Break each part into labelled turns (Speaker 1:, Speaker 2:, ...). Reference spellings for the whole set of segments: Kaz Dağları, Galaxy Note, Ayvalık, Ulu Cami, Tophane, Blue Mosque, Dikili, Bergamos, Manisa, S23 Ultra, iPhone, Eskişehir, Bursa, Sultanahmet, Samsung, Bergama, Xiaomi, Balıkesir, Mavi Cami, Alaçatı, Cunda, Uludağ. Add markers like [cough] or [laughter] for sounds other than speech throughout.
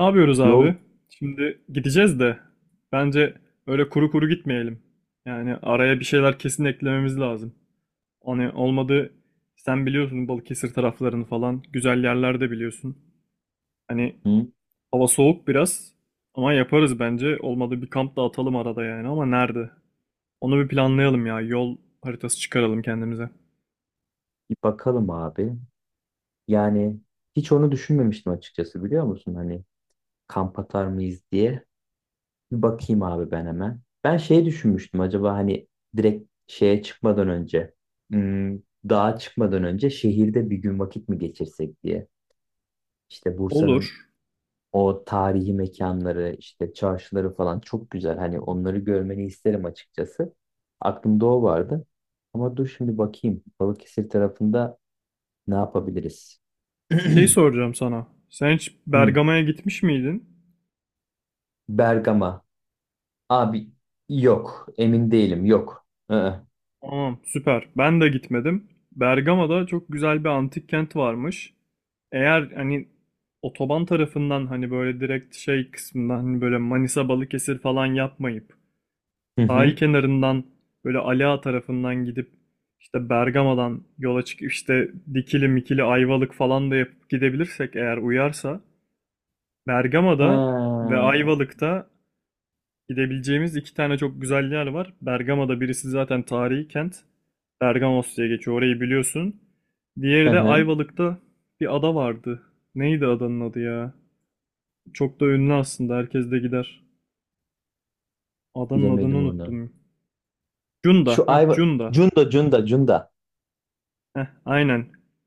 Speaker 1: Ne yapıyoruz abi?
Speaker 2: Yol.
Speaker 1: Şimdi gideceğiz de bence öyle kuru kuru gitmeyelim. Yani araya bir şeyler kesin eklememiz lazım. Hani olmadı sen biliyorsun Balıkesir taraflarını falan güzel yerler de biliyorsun. Hani
Speaker 2: Hı,
Speaker 1: hava soğuk biraz ama yaparız bence. Olmadı bir kamp da atalım arada yani ama nerede? Onu bir planlayalım ya. Yol haritası çıkaralım kendimize.
Speaker 2: bir bakalım abi. Yani hiç onu düşünmemiştim açıkçası biliyor musun? Hani kamp atar mıyız diye. Bir bakayım abi ben hemen. Ben şey düşünmüştüm acaba hani direkt şeye çıkmadan önce, hmm, dağa çıkmadan önce şehirde bir gün vakit mi geçirsek diye. İşte Bursa'nın
Speaker 1: Olur.
Speaker 2: o tarihi mekanları işte çarşıları falan çok güzel. Hani onları görmeni isterim açıkçası. Aklımda o vardı. Ama dur şimdi bakayım. Balıkesir tarafında ne yapabiliriz? [clears throat]
Speaker 1: Şey soracağım sana. Sen hiç
Speaker 2: Hı,
Speaker 1: Bergama'ya gitmiş miydin?
Speaker 2: Bergama. Abi yok. Emin değilim. Yok. Hı hı.
Speaker 1: Tamam, süper. Ben de gitmedim. Bergama'da çok güzel bir antik kent varmış. Eğer hani otoban tarafından hani böyle direkt şey kısmından hani böyle Manisa Balıkesir falan yapmayıp sahil
Speaker 2: Hı.
Speaker 1: kenarından böyle Ali Ağa tarafından gidip işte Bergama'dan yola çıkıp işte Dikili Mikili Ayvalık falan da yapıp gidebilirsek eğer uyarsa
Speaker 2: Ha,
Speaker 1: Bergama'da ve Ayvalık'ta gidebileceğimiz iki tane çok güzel yer var. Bergama'da birisi zaten tarihi kent. Bergamos diye geçiyor. Orayı biliyorsun.
Speaker 2: hı
Speaker 1: Diğeri de
Speaker 2: hı.
Speaker 1: Ayvalık'ta bir ada vardı. Neydi adanın adı ya? Çok da ünlü aslında. Herkes de gider. Adanın adını
Speaker 2: Bilemedim onu.
Speaker 1: unuttum.
Speaker 2: Şu
Speaker 1: Cunda. Heh,
Speaker 2: Ayva.
Speaker 1: Cunda.
Speaker 2: Cunda, Cunda, Cunda.
Speaker 1: Heh, aynen.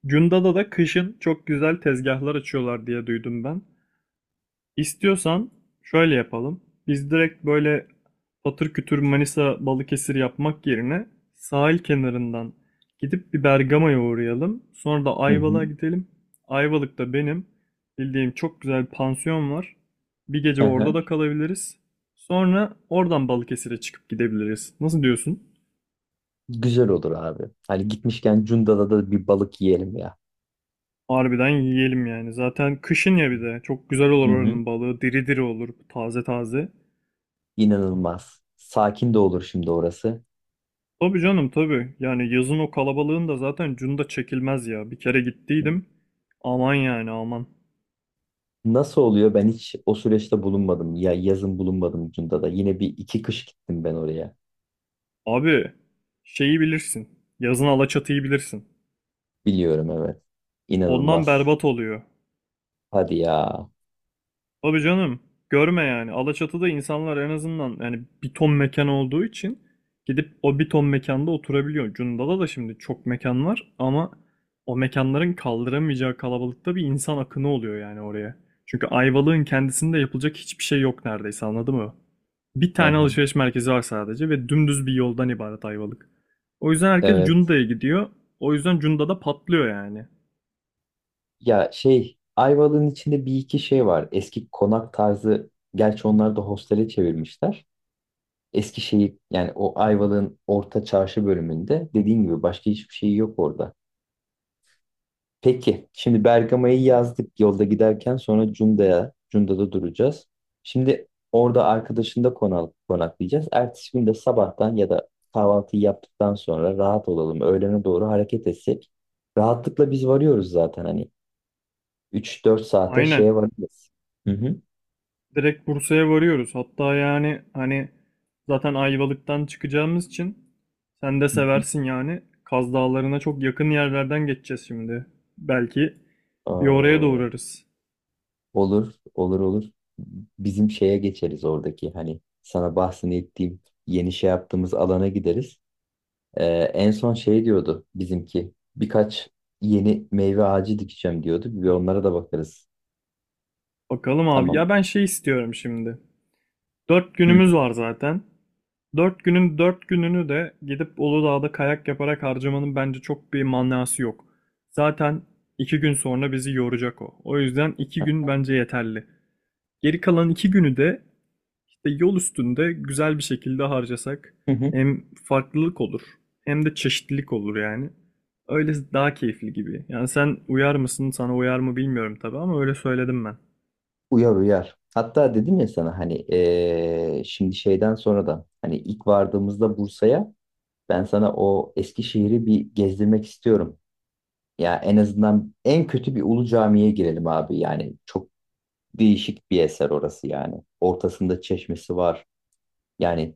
Speaker 1: Cunda'da da kışın çok güzel tezgahlar açıyorlar diye duydum ben. İstiyorsan şöyle yapalım. Biz direkt böyle patır kütür Manisa Balıkesir yapmak yerine sahil kenarından gidip bir Bergama'ya uğrayalım. Sonra da
Speaker 2: Hı hı.
Speaker 1: Ayvalık'a gidelim. Ayvalık'ta benim bildiğim çok güzel bir pansiyon var. Bir gece
Speaker 2: Hı
Speaker 1: orada
Speaker 2: hı.
Speaker 1: da kalabiliriz. Sonra oradan Balıkesir'e çıkıp gidebiliriz. Nasıl diyorsun?
Speaker 2: Güzel olur abi. Hani gitmişken Cunda'da da bir balık yiyelim ya.
Speaker 1: Harbiden yiyelim yani. Zaten kışın ya bir de. Çok güzel olur
Speaker 2: Hı hı.
Speaker 1: oranın balığı. Diri diri olur. Taze taze.
Speaker 2: İnanılmaz. Sakin de olur şimdi orası.
Speaker 1: Tabii canım tabii. Yani yazın o kalabalığın da zaten cunda çekilmez ya. Bir kere gittiydim. Aman yani aman.
Speaker 2: Nasıl oluyor? Ben hiç o süreçte bulunmadım. Ya yazın bulunmadım Cunda'da. Yine bir iki kış gittim ben oraya.
Speaker 1: Abi şeyi bilirsin. Yazın Alaçatı'yı bilirsin.
Speaker 2: Biliyorum evet.
Speaker 1: Ondan
Speaker 2: İnanılmaz.
Speaker 1: berbat oluyor.
Speaker 2: Hadi ya.
Speaker 1: Tabii canım. Görme yani. Alaçatı'da insanlar en azından yani bir ton mekan olduğu için gidip o bir ton mekanda oturabiliyor. Cunda'da da şimdi çok mekan var ama o mekanların kaldıramayacağı kalabalıkta bir insan akını oluyor yani oraya. Çünkü Ayvalık'ın kendisinde yapılacak hiçbir şey yok neredeyse anladın mı? Bir
Speaker 2: Hı
Speaker 1: tane
Speaker 2: hı.
Speaker 1: alışveriş merkezi var sadece ve dümdüz bir yoldan ibaret Ayvalık. O yüzden herkes
Speaker 2: Evet.
Speaker 1: Cunda'ya gidiyor. O yüzden Cunda'da patlıyor yani.
Speaker 2: Ya şey Ayvalık'ın içinde bir iki şey var. Eski konak tarzı gerçi onları da hostele çevirmişler. Eski şeyi yani o Ayvalık'ın orta çarşı bölümünde dediğin gibi başka hiçbir şey yok orada. Peki şimdi Bergama'yı yazdık, yolda giderken sonra Cunda'ya, Cunda'da duracağız. Şimdi orada arkadaşında konaklayacağız. Ertesi gün de sabahtan ya da kahvaltıyı yaptıktan sonra rahat olalım. Öğlene doğru hareket etsek. Rahatlıkla biz varıyoruz zaten hani. 3 4 saate
Speaker 1: Aynen.
Speaker 2: şeye varırız. Hı hı.
Speaker 1: Direkt Bursa'ya varıyoruz. Hatta yani hani zaten Ayvalık'tan çıkacağımız için sen de
Speaker 2: Hı hı.
Speaker 1: seversin yani. Kaz Dağları'na çok yakın yerlerden geçeceğiz şimdi. Belki bir oraya da
Speaker 2: Aa,
Speaker 1: uğrarız.
Speaker 2: olur, olur, olur. Bizim şeye geçeriz, oradaki hani sana bahsettiğim yeni şey yaptığımız alana gideriz. Ee, en son şey diyordu bizimki, birkaç yeni meyve ağacı dikeceğim diyordu. Bir onlara da bakarız.
Speaker 1: Bakalım abi.
Speaker 2: Tamam.
Speaker 1: Ya ben şey istiyorum şimdi. Dört
Speaker 2: Hı
Speaker 1: günümüz var zaten. 4 günün 4 gününü de gidip Uludağ'da kayak yaparak harcamanın bence çok bir manası yok. Zaten 2 gün sonra bizi yoracak o. O yüzden 2 gün bence yeterli. Geri kalan 2 günü de İşte yol üstünde güzel bir şekilde harcasak
Speaker 2: hı. Hı.
Speaker 1: hem farklılık olur hem de çeşitlilik olur yani. Öyle daha keyifli gibi. Yani sen uyar mısın, sana uyar mı bilmiyorum tabii ama öyle söyledim ben.
Speaker 2: Uyar uyar. Hatta dedim ya sana hani şimdi şeyden sonra da hani ilk vardığımızda Bursa'ya ben sana o Eskişehir'i bir gezdirmek istiyorum. Ya en azından en kötü bir ulu camiye girelim abi. Yani çok değişik bir eser orası yani. Ortasında çeşmesi var. Yani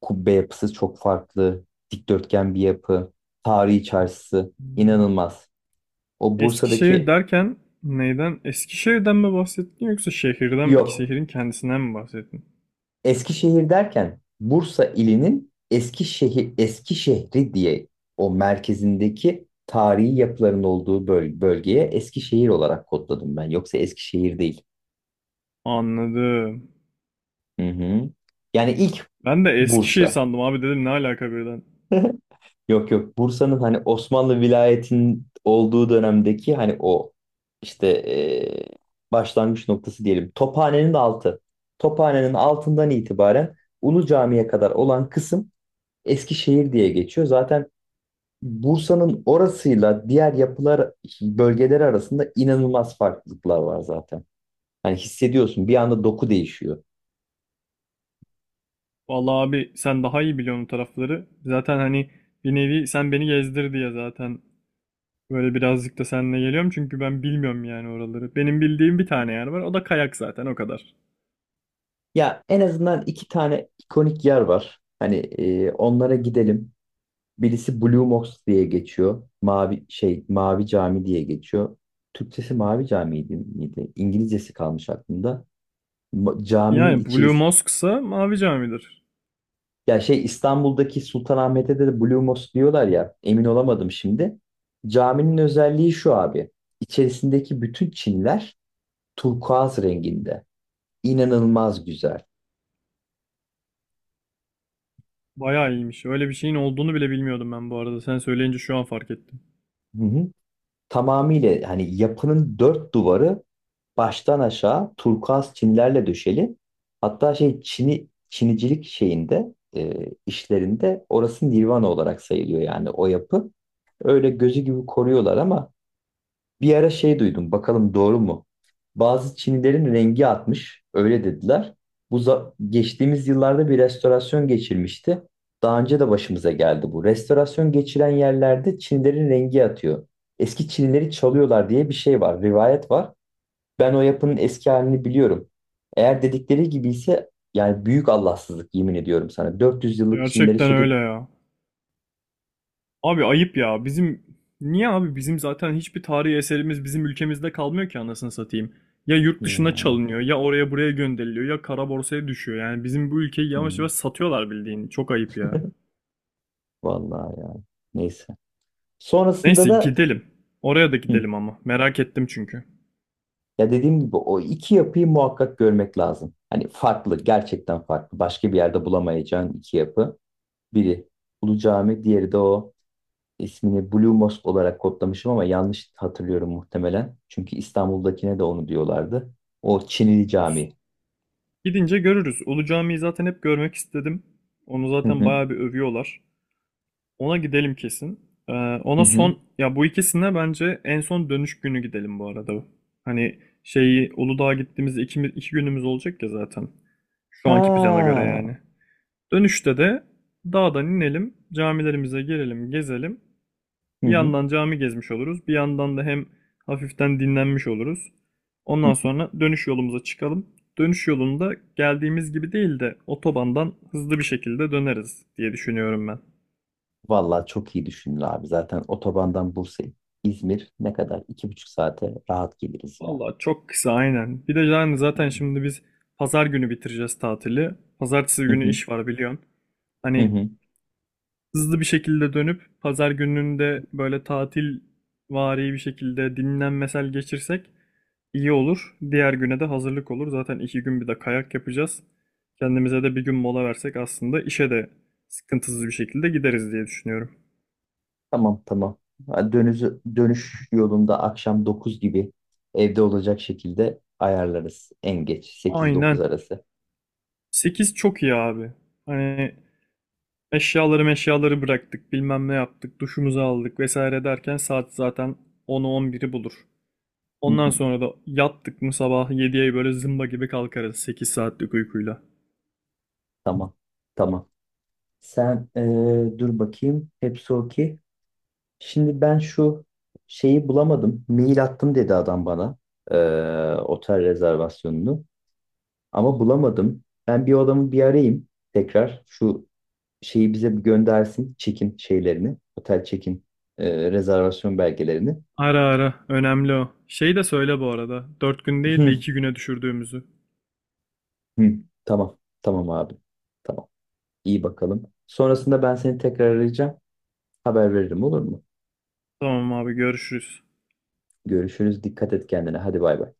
Speaker 2: kubbe yapısı çok farklı. Dikdörtgen bir yapı. Tarihi çarşısı
Speaker 1: Hmm.
Speaker 2: inanılmaz. O
Speaker 1: Eskişehir
Speaker 2: Bursa'daki...
Speaker 1: derken neyden? Eskişehir'den mi bahsettin yoksa şehirden mi,
Speaker 2: yok.
Speaker 1: şehrin kendisinden mi bahsettin?
Speaker 2: Eskişehir derken Bursa ilinin Eskişehir, eski şehri diye o merkezindeki tarihi yapıların olduğu bölgeye Eskişehir olarak kodladım ben. Yoksa Eskişehir değil.
Speaker 1: Anladım.
Speaker 2: Hı hı. Yani ilk
Speaker 1: Ben de Eskişehir
Speaker 2: Bursa.
Speaker 1: sandım abi dedim ne alaka birden.
Speaker 2: [laughs] Yok yok, Bursa'nın hani Osmanlı vilayetin olduğu dönemdeki hani o işte başlangıç noktası diyelim. Tophane'nin altı. Tophane'nin altından itibaren Ulu Cami'ye kadar olan kısım Eskişehir diye geçiyor. Zaten Bursa'nın orasıyla diğer yapılar bölgeleri arasında inanılmaz farklılıklar var zaten. Hani hissediyorsun, bir anda doku değişiyor.
Speaker 1: Vallahi abi sen daha iyi biliyorsun o tarafları. Zaten hani bir nevi sen beni gezdir diye zaten böyle birazcık da seninle geliyorum çünkü ben bilmiyorum yani oraları. Benim bildiğim bir tane yer var. O da kayak zaten o kadar.
Speaker 2: Ya en azından iki tane ikonik yer var. Hani onlara gidelim. Birisi Blue Mosque diye geçiyor. Mavi şey, Mavi Cami diye geçiyor. Türkçesi Mavi Cami'ydi miydi? İngilizcesi kalmış aklımda. Caminin
Speaker 1: Yani Blue
Speaker 2: içerisi.
Speaker 1: Mosque'sa Mavi Cami'dir.
Speaker 2: Ya şey İstanbul'daki Sultanahmet'te de Blue Mosque diyorlar ya. Emin olamadım şimdi. Caminin özelliği şu abi. İçerisindeki bütün çinler turkuaz renginde. İnanılmaz güzel.
Speaker 1: Bayağı iyiymiş. Öyle bir şeyin olduğunu bile bilmiyordum ben bu arada. Sen söyleyince şu an fark ettim.
Speaker 2: Hı hı. Tamamıyla hani yapının dört duvarı baştan aşağı turkuaz çinilerle döşeli. Hatta şey, çini, çinicilik şeyinde işlerinde orası nirvana olarak sayılıyor yani o yapı. Öyle gözü gibi koruyorlar ama bir ara şey duydum, bakalım doğru mu? Bazı Çinilerin rengi atmış, öyle dediler. Geçtiğimiz yıllarda bir restorasyon geçirmişti. Daha önce de başımıza geldi bu. Restorasyon geçiren yerlerde Çinilerin rengi atıyor. Eski Çinileri çalıyorlar diye bir şey var, rivayet var. Ben o yapının eski halini biliyorum. Eğer dedikleri gibi ise yani büyük Allahsızlık, yemin ediyorum sana. 400 yıllık Çinileri
Speaker 1: Gerçekten
Speaker 2: söküp...
Speaker 1: öyle ya. Abi ayıp ya. Bizim niye abi bizim zaten hiçbir tarihi eserimiz bizim ülkemizde kalmıyor ki anasını satayım. Ya yurt dışına
Speaker 2: Ya,
Speaker 1: çalınıyor ya oraya buraya gönderiliyor ya kara borsaya düşüyor. Yani bizim bu ülkeyi yavaş
Speaker 2: hı,
Speaker 1: yavaş satıyorlar bildiğin. Çok ayıp ya.
Speaker 2: vallahi ya, neyse. Sonrasında
Speaker 1: Neyse
Speaker 2: da...
Speaker 1: gidelim. Oraya da
Speaker 2: Hı.
Speaker 1: gidelim ama. Merak ettim çünkü.
Speaker 2: Ya dediğim gibi o iki yapıyı muhakkak görmek lazım. Hani farklı, gerçekten farklı. Başka bir yerde bulamayacağın iki yapı. Biri Ulu Cami, diğeri de o ismini Blue Mosque olarak kodlamışım ama yanlış hatırlıyorum muhtemelen. Çünkü İstanbul'dakine de onu diyorlardı. O Çinili
Speaker 1: Olsun.
Speaker 2: Cami.
Speaker 1: Gidince görürüz. Ulu Cami'yi zaten hep görmek istedim. Onu
Speaker 2: Hı
Speaker 1: zaten
Speaker 2: hı,
Speaker 1: bayağı bir övüyorlar. Ona gidelim kesin. Ee,
Speaker 2: hı
Speaker 1: Ona
Speaker 2: hı.
Speaker 1: son ya bu ikisine bence en son dönüş günü gidelim bu arada. Hani şeyi Uludağ'a gittiğimiz iki günümüz olacak ya zaten. Şu anki plana göre
Speaker 2: Ha.
Speaker 1: yani. Dönüşte de dağdan inelim, camilerimize girelim, gezelim.
Speaker 2: Hı
Speaker 1: Bir
Speaker 2: hı,
Speaker 1: yandan cami gezmiş oluruz, bir yandan da hem hafiften dinlenmiş oluruz.
Speaker 2: hı
Speaker 1: Ondan
Speaker 2: hı.
Speaker 1: sonra dönüş yolumuza çıkalım. Dönüş yolunda geldiğimiz gibi değil de otobandan hızlı bir şekilde döneriz diye düşünüyorum ben.
Speaker 2: Vallahi çok iyi düşündün abi. Zaten otobandan Bursa, İzmir ne kadar? 2,5 saate rahat geliriz ya.
Speaker 1: Vallahi çok kısa aynen. Bir de yani zaten şimdi biz pazar günü bitireceğiz tatili. Pazartesi
Speaker 2: Hı
Speaker 1: günü
Speaker 2: hı,
Speaker 1: iş var biliyorsun.
Speaker 2: hı
Speaker 1: Hani
Speaker 2: hı.
Speaker 1: hızlı bir şekilde dönüp pazar gününde böyle tatil vari bir şekilde dinlenmesel geçirsek iyi olur. Diğer güne de hazırlık olur. Zaten iki gün bir de kayak yapacağız. Kendimize de bir gün mola versek aslında işe de sıkıntısız bir şekilde gideriz diye düşünüyorum.
Speaker 2: Tamam tamam. Ha, Dönüş yolunda akşam 9 gibi evde olacak şekilde ayarlarız. En geç sekiz dokuz
Speaker 1: Aynen.
Speaker 2: arası.
Speaker 1: 8 çok iyi abi. Hani eşyaları meşyaları bıraktık, bilmem ne yaptık, duşumuzu aldık vesaire derken saat zaten 10'u 11'i bulur.
Speaker 2: Hı
Speaker 1: Ondan
Speaker 2: hı.
Speaker 1: sonra da yattık mı sabah 7'ye böyle zımba gibi kalkarız 8 saatlik uykuyla.
Speaker 2: Tamam tamam. Sen dur bakayım. Hepsi okey. Şimdi ben şu şeyi bulamadım. Mail attım dedi adam bana. Otel rezervasyonunu. Ama bulamadım. Ben bir o adamı bir arayayım tekrar. Şu şeyi bize bir göndersin. Check-in şeylerini. Otel check-in rezervasyon belgelerini.
Speaker 1: Ara ara, önemli o. Şey de söyle bu arada, 4 gün değil de
Speaker 2: [laughs]
Speaker 1: 2 güne düşürdüğümüzü.
Speaker 2: Hı, tamam. Tamam abi. Tamam. İyi bakalım. Sonrasında ben seni tekrar arayacağım. Haber veririm, olur mu?
Speaker 1: Tamam abi görüşürüz.
Speaker 2: Görüşürüz. Dikkat et kendine. Hadi bay bay.